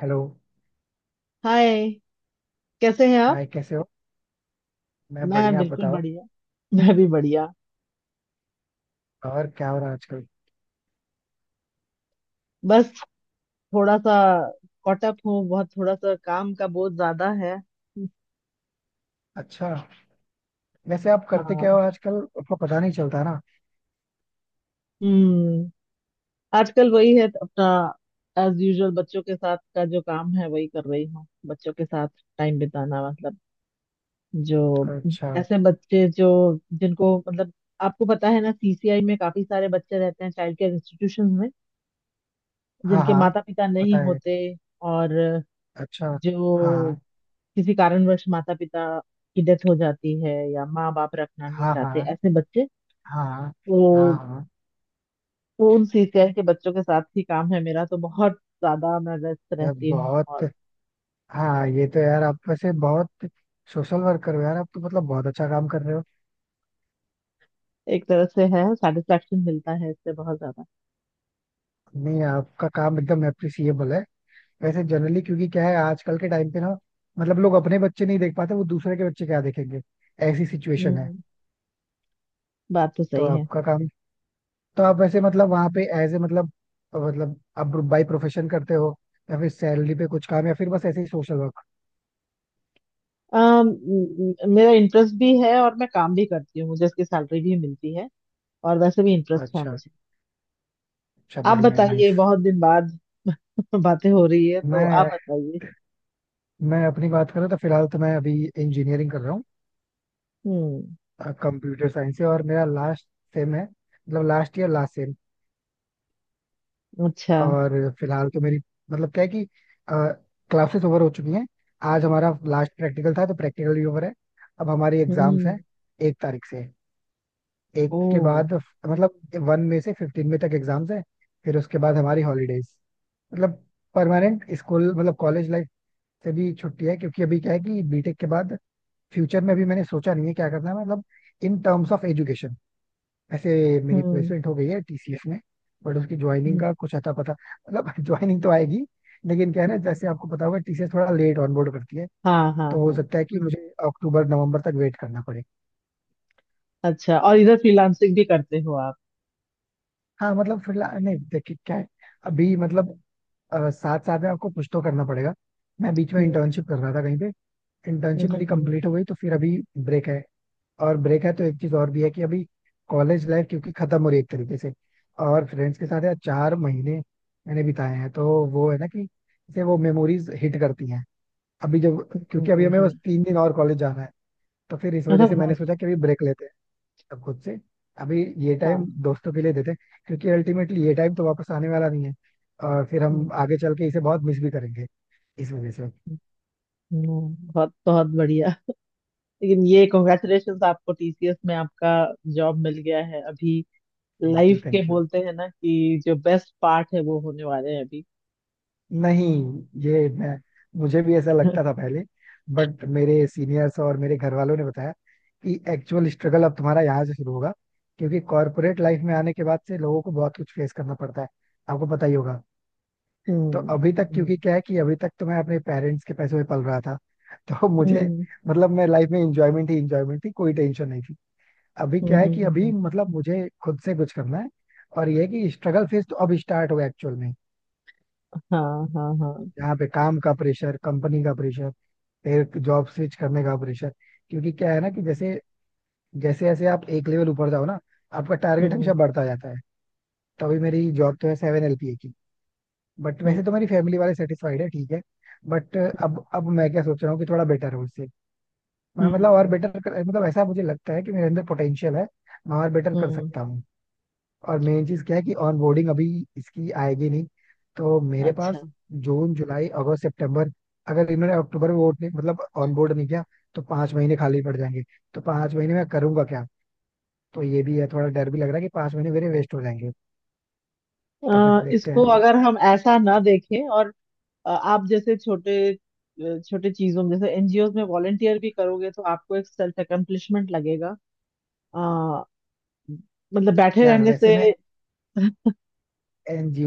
Hello. Hi, कैसे हैं आप? हाय, कैसे हो? मैं मैं बढ़िया। आप बिल्कुल बताओ। बढ़िया। मैं भी बढ़िया। और क्या हो रहा है आजकल? बस थोड़ा सा कॉट अप हूँ बहुत, थोड़ा सा काम का बहुत ज्यादा है। अच्छा। वैसे आप करते क्या हाँ। हो आजकल? आपको पता नहीं चलता ना। हम्म। आजकल वही है अपना, एज यूजुअल। बच्चों के साथ का जो काम है वही कर रही हूँ, बच्चों के साथ टाइम बिताना, मतलब, जो अच्छा। ऐसे बच्चे जो, जिनको, मतलब, आपको पता है ना, सीसीआई में काफी सारे बच्चे रहते हैं, चाइल्ड केयर इंस्टीट्यूशन में, हाँ, जिनके हाँ, माता पिता पता नहीं है। होते। और अच्छा। हाँ जो किसी कारणवश माता पिता की डेथ हो जाती है, या माँ बाप रखना नहीं हाँ, हाँ। चाहते, ऐसे बच्चे, हाँ, हाँ। हाँ, तो हाँ। तो उन सीसीएल के बच्चों के साथ ही काम है मेरा, तो बहुत ज्यादा मैं व्यस्त यार रहती हूँ। बहुत और हाँ, ये तो यार आप वैसे बहुत सोशल वर्क कर रहे हो यार। आप तो मतलब बहुत अच्छा काम कर रहे हो। एक तरह से है, सेटिस्फेक्शन मिलता है इससे बहुत ज्यादा। नहीं, आपका काम एकदम अप्रिसिएबल है। वैसे जनरली, क्योंकि क्या है, आजकल के टाइम पे ना, मतलब लोग अपने बच्चे नहीं देख पाते, वो दूसरे के बच्चे क्या देखेंगे। ऐसी सिचुएशन है। हम्म। बात तो तो सही है। आपका काम तो आप वैसे मतलब वहां पे एज ए मतलब आप बाई प्रोफेशन करते हो, या फिर सैलरी पे कुछ काम, या फिर बस ऐसे ही सोशल वर्क? मेरा इंटरेस्ट भी है और मैं काम भी करती हूँ, मुझे इसकी सैलरी भी मिलती है। और वैसे भी इंटरेस्ट है अच्छा। मुझे। अच्छा, आप बढ़िया है। बताइए, नाइस। बहुत दिन बाद बातें हो रही है, तो मैं आप बताइए। मैं अपनी बात करूँ तो फिलहाल तो मैं अभी इंजीनियरिंग कर रहा हूँ हम्म। कंप्यूटर साइंस से। और मेरा लास्ट सेम है, मतलब लास्ट ईयर, लास्ट सेम। अच्छा। और फिलहाल तो मेरी, मतलब क्या है कि क्लासेस ओवर हो चुकी हैं। आज हमारा लास्ट प्रैक्टिकल था, तो प्रैक्टिकल भी ओवर है। अब हमारी एग्जाम्स हम्म। हैं 1 तारीख से, एक के ओ। बाद। मतलब 1 में से 15 में तक एग्जाम्स है। फिर उसके बाद हमारी हॉलीडेज, मतलब परमानेंट स्कूल मतलब कॉलेज लाइफ से भी छुट्टी है, क्योंकि अभी क्या है कि बीटेक के बाद फ्यूचर में भी मैंने सोचा नहीं है क्या करना है, मतलब इन टर्म्स ऑफ एजुकेशन, ऐसे। मेरी हम्म। प्लेसमेंट हो गई है टीसीएस में, बट उसकी ज्वाइनिंग हम्म। का कुछ अता पता, मतलब ज्वाइनिंग तो आएगी, लेकिन क्या है ना, जैसे आपको पता होगा, टीसीएस थोड़ा लेट ऑनबोर्ड करती है। हाँ, हाँ, तो हो हाँ। सकता है कि मुझे अक्टूबर नवंबर तक वेट करना पड़े। अच्छा, और इधर फ्रीलांसिंग भी करते हो आप? हाँ, मतलब फिलहाल नहीं। देखिए क्या है, अभी मतलब, साथ साथ में आपको कुछ तो करना पड़ेगा। मैं बीच में हम्म। इंटर्नशिप कर रहा था कहीं पे। हम्म। इंटर्नशिप मेरी हम्म। कंप्लीट हो गई, तो फिर अभी ब्रेक है। और ब्रेक है तो एक चीज और भी है कि अभी कॉलेज लाइफ क्योंकि खत्म हो रही है एक तरीके से, और फ्रेंड्स के साथ यार 4 महीने मैंने बिताए हैं, तो वो है ना कि जैसे वो मेमोरीज हिट करती हैं अभी जब, हम्म। क्योंकि अभी हमें बस हम्म। 3 दिन और कॉलेज जाना है। तो फिर इस वजह हाँ। से मैंने सोचा कि अभी ब्रेक लेते हैं, अब खुद से। अभी ये हाँ। टाइम दोस्तों के लिए देते हैं, क्योंकि अल्टीमेटली ये टाइम तो वापस आने वाला नहीं है, और फिर हम हम्म। आगे चल के इसे बहुत मिस भी करेंगे, इस वजह से। हम्म। हम्म। बहुत बहुत बढ़िया। लेकिन ये कॉन्ग्रेचुलेशन, आपको टीसीएस में आपका जॉब मिल गया है अभी। थैंक यू, लाइफ के थैंक यू। बोलते हैं ना कि जो बेस्ट पार्ट है वो होने वाले हैं अभी। नहीं, ये मैं मुझे भी ऐसा लगता था पहले, बट मेरे सीनियर्स और मेरे घर वालों ने बताया कि एक्चुअल स्ट्रगल अब तुम्हारा यहाँ से शुरू होगा, क्योंकि कॉर्पोरेट लाइफ में आने के बाद से लोगों को बहुत कुछ फेस करना पड़ता है। आपको पता ही होगा। तो हम्म। अभी तक, हम्म। क्योंकि क्या है कि अभी तक तो मैं अपने पेरेंट्स के पैसों में पल रहा था, तो मुझे, हम्म। मतलब मैं लाइफ में इंजॉयमेंट ही इंजॉयमेंट थी, कोई टेंशन नहीं थी। अभी हम्म। क्या है हम्म। कि अभी हम्म। मतलब मुझे खुद से कुछ करना है, और ये है कि स्ट्रगल फेज तो अब स्टार्ट हुआ एक्चुअल में, हाँ, हाँ, हाँ। जहाँ पे काम का प्रेशर, कंपनी का प्रेशर, फिर जॉब स्विच करने का प्रेशर। क्योंकि क्या है ना कि जैसे जैसे जैसे आप एक लेवल ऊपर जाओ ना, आपका टारगेट हमेशा हम्म बढ़ता जाता है। तो अभी मेरी जॉब तो है 7 LPA की, बट हम्म। वैसे तो मेरी फैमिली वाले सेटिस्फाइड है, ठीक है। बट अब मैं क्या सोच रहा हूँ कि थोड़ा बेटर हो इससे, मैं मतलब और हम्म। बेटर कर, मतलब ऐसा मुझे लगता है कि मेरे अंदर पोटेंशियल है, मैं और बेटर कर हम्म। सकता हूँ। और मेन चीज क्या है कि ऑन बोर्डिंग अभी इसकी आएगी नहीं। तो मेरे अच्छा। पास जून, जुलाई, अगस्त, सितंबर, अगर इन्होंने अक्टूबर में वोट नहीं, मतलब ऑन बोर्ड नहीं किया, तो 5 महीने खाली पड़ जाएंगे। तो पांच महीने में करूंगा क्या? तो ये भी है, थोड़ा डर भी लग रहा है कि 5 महीने मेरे वेस्ट हो जाएंगे। तो फिर देखते इसको हैं। अगर हम ऐसा ना देखें, और आप जैसे छोटे, छोटे चीजों में, जैसे एनजीओ में वॉलेंटियर भी करोगे तो आपको एक सेल्फ अकम्प्लिशमेंट लगेगा। अ, मतलब, बैठे यार रहने वैसे से। मैं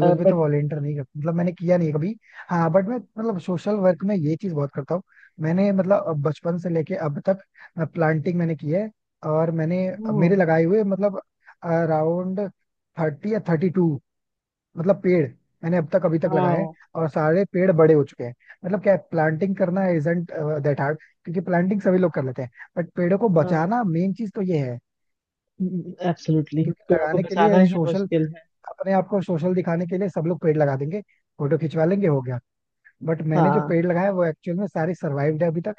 में तो बट, वॉलेंटियर नहीं करता, मतलब मैंने किया नहीं है कभी। हाँ बट मैं मतलब सोशल वर्क में ये चीज बहुत करता हूँ। मैंने मतलब, अब बचपन से लेके अब तक प्लांटिंग मैंने की है। और मैंने, ओ, मेरे लगाए हुए, मतलब अराउंड 30 या 32, मतलब पेड़ मैंने अब तक अभी तक लगाए हैं, वाह, और सारे पेड़ बड़े हो चुके हैं। मतलब क्या, प्लांटिंग करना इजंट दैट हार्ड, क्योंकि प्लांटिंग सभी लोग कर लेते हैं, बट पेड़ों को बचाना मेन चीज तो ये है। एब्सोल्युटली, क्योंकि पेड़ों को लगाने के बचाना लिए ही सोशल, मुश्किल है। अपने आप को सोशल दिखाने के लिए सब लोग पेड़ लगा देंगे, फोटो खिंचवा लेंगे, हो गया। बट मैंने जो हाँ। पेड़ लगाया वो एक्चुअल में सारे सर्वाइव्ड है अभी तक।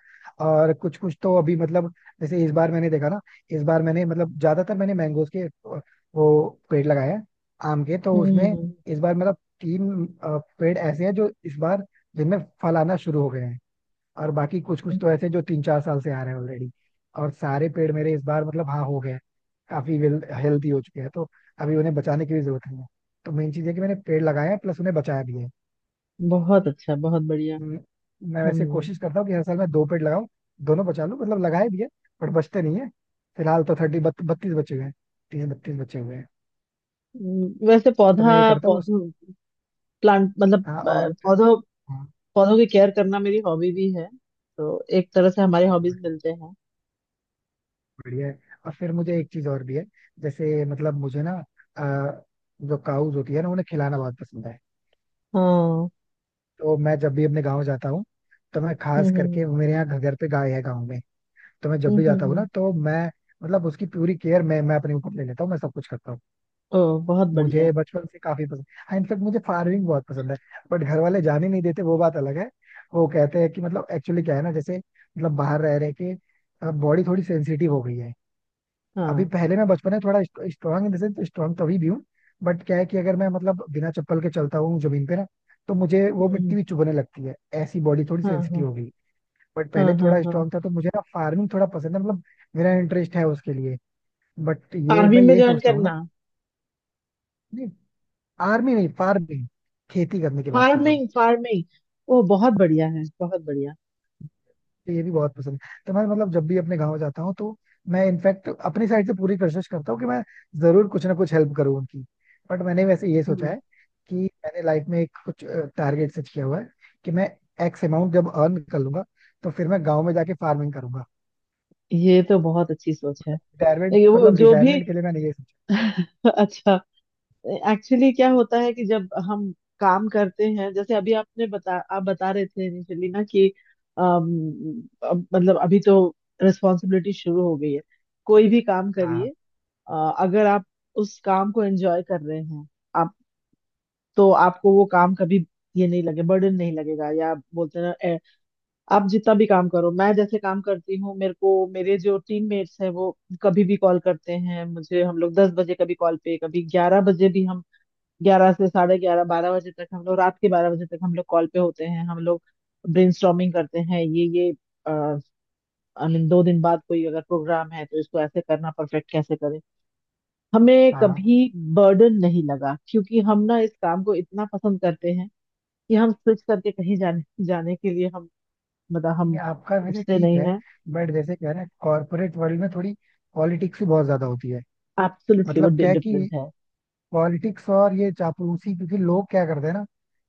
और कुछ कुछ तो अभी मतलब, जैसे इस बार मैंने देखा ना, इस बार मैंने मतलब ज्यादातर मैंने मैंगोज के, वो पेड़ लगाए हैं, आम के। तो उसमें हम्म। इस बार मतलब 3 पेड़ ऐसे हैं जो इस बार, जिनमें फल आना शुरू हो गए हैं। और बाकी कुछ कुछ तो ऐसे जो 3-4 साल से आ रहे हैं ऑलरेडी, और सारे पेड़ मेरे इस बार मतलब हाँ हो गए हैं। काफी वेल हेल्दी हो चुके हैं, तो अभी उन्हें बचाने की भी जरूरत नहीं है। तो मेन चीज है कि मैंने पेड़ लगाए हैं, प्लस उन्हें बचाया भी है। बहुत अच्छा, बहुत बढ़िया। म- मैं वैसे हम्म। कोशिश करता हूँ कि हर साल मैं 2 पेड़ लगाऊं, दोनों बचा लूं, मतलब लगाए भी है, बट बचते नहीं है। फिलहाल तो 30 32 बचे हुए हैं, 30-32 बचे हुए हैं। वैसे, तो मैं पौधा ये करता हूँ। पौधों प्लांट मतलब, हाँ। और पौधों, हाँ। पौधों की केयर करना मेरी हॉबी भी है, तो एक तरह से हमारे अच्छा, हॉबीज मिलते हैं। बढ़िया है। और फिर मुझे एक चीज और भी है, जैसे मतलब मुझे ना, अ, जो काउज होती है ना उन्हें खिलाना बहुत पसंद है। हाँ। तो मैं जब भी अपने गाँव जाता हूँ तो मैं हम्म। खास हम्म। करके, मेरे यहाँ घर पे गाय है गाँव में, तो मैं जब हम्म। भी हम्म। जाता हूँ हम्म। ना, तो मैं मतलब उसकी पूरी केयर मैं अपने ऊपर ले लेता हूँ, मैं सब कुछ करता हूँ। ओ, बहुत बढ़िया। मुझे बचपन से काफी पसंद, हाँ इनफेक्ट मुझे फार्मिंग बहुत पसंद है, बट घर वाले जाने नहीं देते, वो बात अलग है। वो कहते हैं कि मतलब एक्चुअली क्या है ना, जैसे मतलब बाहर रह रहे के, बॉडी थोड़ी सेंसिटिव हो गई है। अभी हाँ। पहले मैं बचपन में थोड़ा स्ट्रांग इन द स्ट्रांग, तो अभी भी हूँ, बट क्या है कि अगर मैं मतलब बिना चप्पल के चलता हूँ जमीन पे ना, तो मुझे वो हम्म। मिट्टी हम्म। भी चुभने लगती है। ऐसी बॉडी थोड़ी हाँ, सेंसिटिव हाँ, हो गई, बट पहले हाँ। हाँ। थोड़ा हाँ। स्ट्रांग था, तो मुझे ना फार्मिंग थोड़ा पसंद है, मतलब मेरा इंटरेस्ट है उसके लिए। बट ये मैं फार्मिंग में यही ज्वाइन सोचता हूँ ना। करना? नहीं, आर्मी नहीं, फार्मिंग, खेती करने की बात कर रहा हूँ। Farming, farming. ओ, बहुत बढ़िया है, बहुत बढ़िया। ये भी बहुत पसंद है, तो मैं मतलब जब भी अपने गाँव जाता हूँ, तो मैं इनफैक्ट अपनी साइड से पूरी कोशिश करता हूँ कि मैं जरूर कुछ ना कुछ हेल्प करूँ उनकी। बट मैंने वैसे ये सोचा हम्म। है कि मैंने लाइफ में एक कुछ टारगेट सेट किया हुआ है कि मैं एक्स अमाउंट जब अर्न कर लूंगा, तो फिर मैं गाँव में जाके फार्मिंग करूंगा। ये तो बहुत अच्छी सोच है। रिटायरमेंट, ये वो मतलब जो भी रिटायरमेंट के लिए मैंने ये सोचा। अच्छा। एक्चुअली क्या होता है कि जब हम काम करते हैं, जैसे अभी आपने बता आप बता रहे थे इनिशियली, ना कि अम, अब मतलब अभी तो रिस्पॉन्सिबिलिटी शुरू हो गई है, कोई भी काम हाँ, करिए। अगर आप उस काम को एंजॉय कर रहे हैं आप, तो आपको वो काम कभी ये नहीं लगे, बर्डन नहीं लगेगा। या आप बोलते हैं ना, आप जितना भी काम करो, मैं जैसे काम करती हूँ, मेरे को मेरे जो टीममेट्स हैं वो कभी भी कॉल करते हैं मुझे, हम लोग 10 बजे कभी कॉल पे, कभी 11 बजे भी हम, 11 से 11:30, 12 बजे तक, हम लोग रात के 12 बजे तक हम लोग कॉल पे होते हैं। हम लोग ब्रेनस्टॉर्मिंग करते हैं, ये आई मीन, 2 दिन बाद कोई अगर प्रोग्राम है तो इसको ऐसे करना, परफेक्ट कैसे करें। हमें हाँ। कभी बर्डन नहीं लगा क्योंकि हम ना इस काम को इतना पसंद करते हैं कि हम स्विच करके कहीं जाने जाने के लिए हम, मतलब हम नहीं, आपका वैसे सोचते ठीक नहीं है, है। बट जैसे कह रहे हैं कॉर्पोरेट वर्ल्ड में थोड़ी पॉलिटिक्स भी बहुत ज्यादा होती है। एब्सोल्युटली, वो मतलब क्या है कि डिफरेंट है। पॉलिटिक्स और ये चापलूसी, क्योंकि लोग क्या करते हैं ना,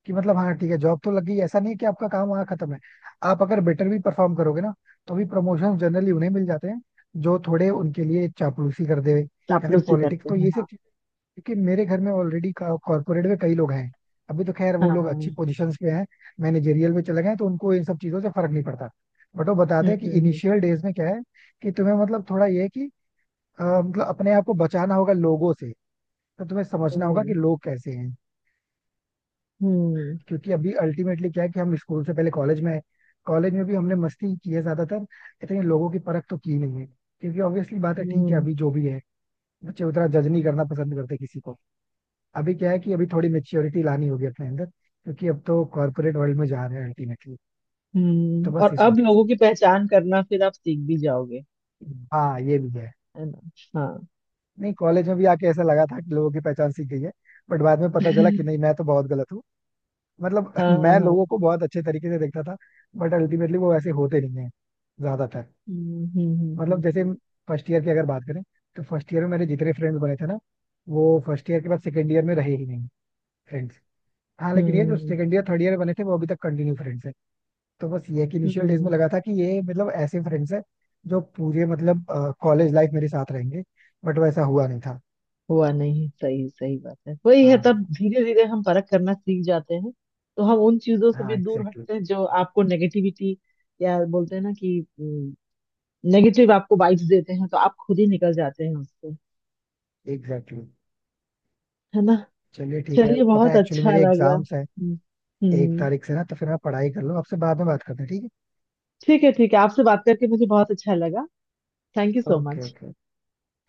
कि मतलब हाँ ठीक है जॉब तो लग गई, ऐसा नहीं है कि आपका काम वहाँ खत्म है। आप अगर बेटर भी परफॉर्म करोगे ना, तो भी प्रमोशन जनरली उन्हें मिल जाते हैं जो थोड़े उनके लिए चापलूसी करते हुए या फिर चापलूसी पॉलिटिक्स, करते तो हैं, ये सब हाँ। चीजें। क्योंकि मेरे घर में ऑलरेडी कॉर्पोरेट में कई लोग हैं, अभी तो खैर हाँ, वो लोग अच्छी हाँ। पोजीशंस पे हैं, मैनेजेरियल में चले गए हैं, तो उनको इन सब चीजों से फर्क नहीं पड़ता। बट वो बताते हम्म। हैं कि हम्म। हम्म। इनिशियल डेज में क्या है, कि तुम्हें मतलब थोड़ा ये है कि, मतलब अपने आप को बचाना होगा लोगों से, तो तुम्हें समझना होगा कि हम्म। लोग कैसे हैं। हम्म। क्योंकि अभी अल्टीमेटली क्या है कि हम स्कूल से पहले कॉलेज में आए, कॉलेज में भी हमने मस्ती ही की है ज्यादातर, इतनी लोगों की परख तो की नहीं है, क्योंकि ऑब्वियसली बात है, ठीक है हम्म। अभी जो भी है, बच्चे उतना जज नहीं करना पसंद करते किसी को। अभी क्या है कि अभी थोड़ी मेच्योरिटी लानी होगी अपने अंदर, क्योंकि अब तो कॉर्पोरेट वर्ल्ड में जा रहे हैं अल्टीमेटली, तो हम्म, बस और इस अब वजह लोगों से। की पहचान करना फिर आप सीख भी जाओगे, हाँ, ये भी है। है ना? हाँ। नहीं, कॉलेज में भी आके ऐसा लगा था कि लोगों की पहचान सीख गई है, बट बाद में पता चला कि नहीं, मैं तो बहुत गलत हूँ। मतलब हाँ, हाँ, मैं हाँ। लोगों को बहुत अच्छे तरीके से देखता था, बट अल्टीमेटली वो वैसे होते नहीं है ज्यादातर। हम्म। हम्म। हम्म। मतलब जैसे, हम्म। फर्स्ट ईयर की अगर बात करें, तो फर्स्ट ईयर में मेरे जितने फ्रेंड्स बने थे ना, वो फर्स्ट ईयर के बाद सेकेंड ईयर में रहे ही नहीं, फ्रेंड्स। हाँ लेकिन ये जो हम्म। सेकेंड ईयर थर्ड ईयर बने थे वो अभी तक कंटिन्यू फ्रेंड्स है। तो बस ये है कि हम्म। इनिशियल डेज में हम्म। लगा था कि ये मतलब ऐसे फ्रेंड्स है जो पूरे मतलब कॉलेज लाइफ मेरे साथ रहेंगे, बट वैसा हुआ नहीं था। हुआ नहीं, सही सही बात है, वही है, हाँ, तब धीरे धीरे हम परख करना सीख जाते हैं, तो हम उन चीजों से हाँ। भी दूर एग्जैक्टली, हटते हैं जो आपको नेगेटिविटी, या बोलते हैं ना कि नेगेटिव आपको वाइब्स देते हैं तो आप खुद ही निकल जाते हैं उससे, एग्जैक्टली। है ना? चलिए ठीक है, चलिए, पता बहुत है एक्चुअली अच्छा मेरे लगा। एग्जाम्स हैं हम्म। एक हम्म। तारीख से ना, तो फिर आप पढ़ाई कर लो, आपसे बाद में बात करते हैं, ठीक ठीक है, ठीक है, आपसे बात करके मुझे बहुत अच्छा लगा। Thank you है। so okay, much. Okay.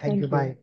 Thank you, Thank you. Bye.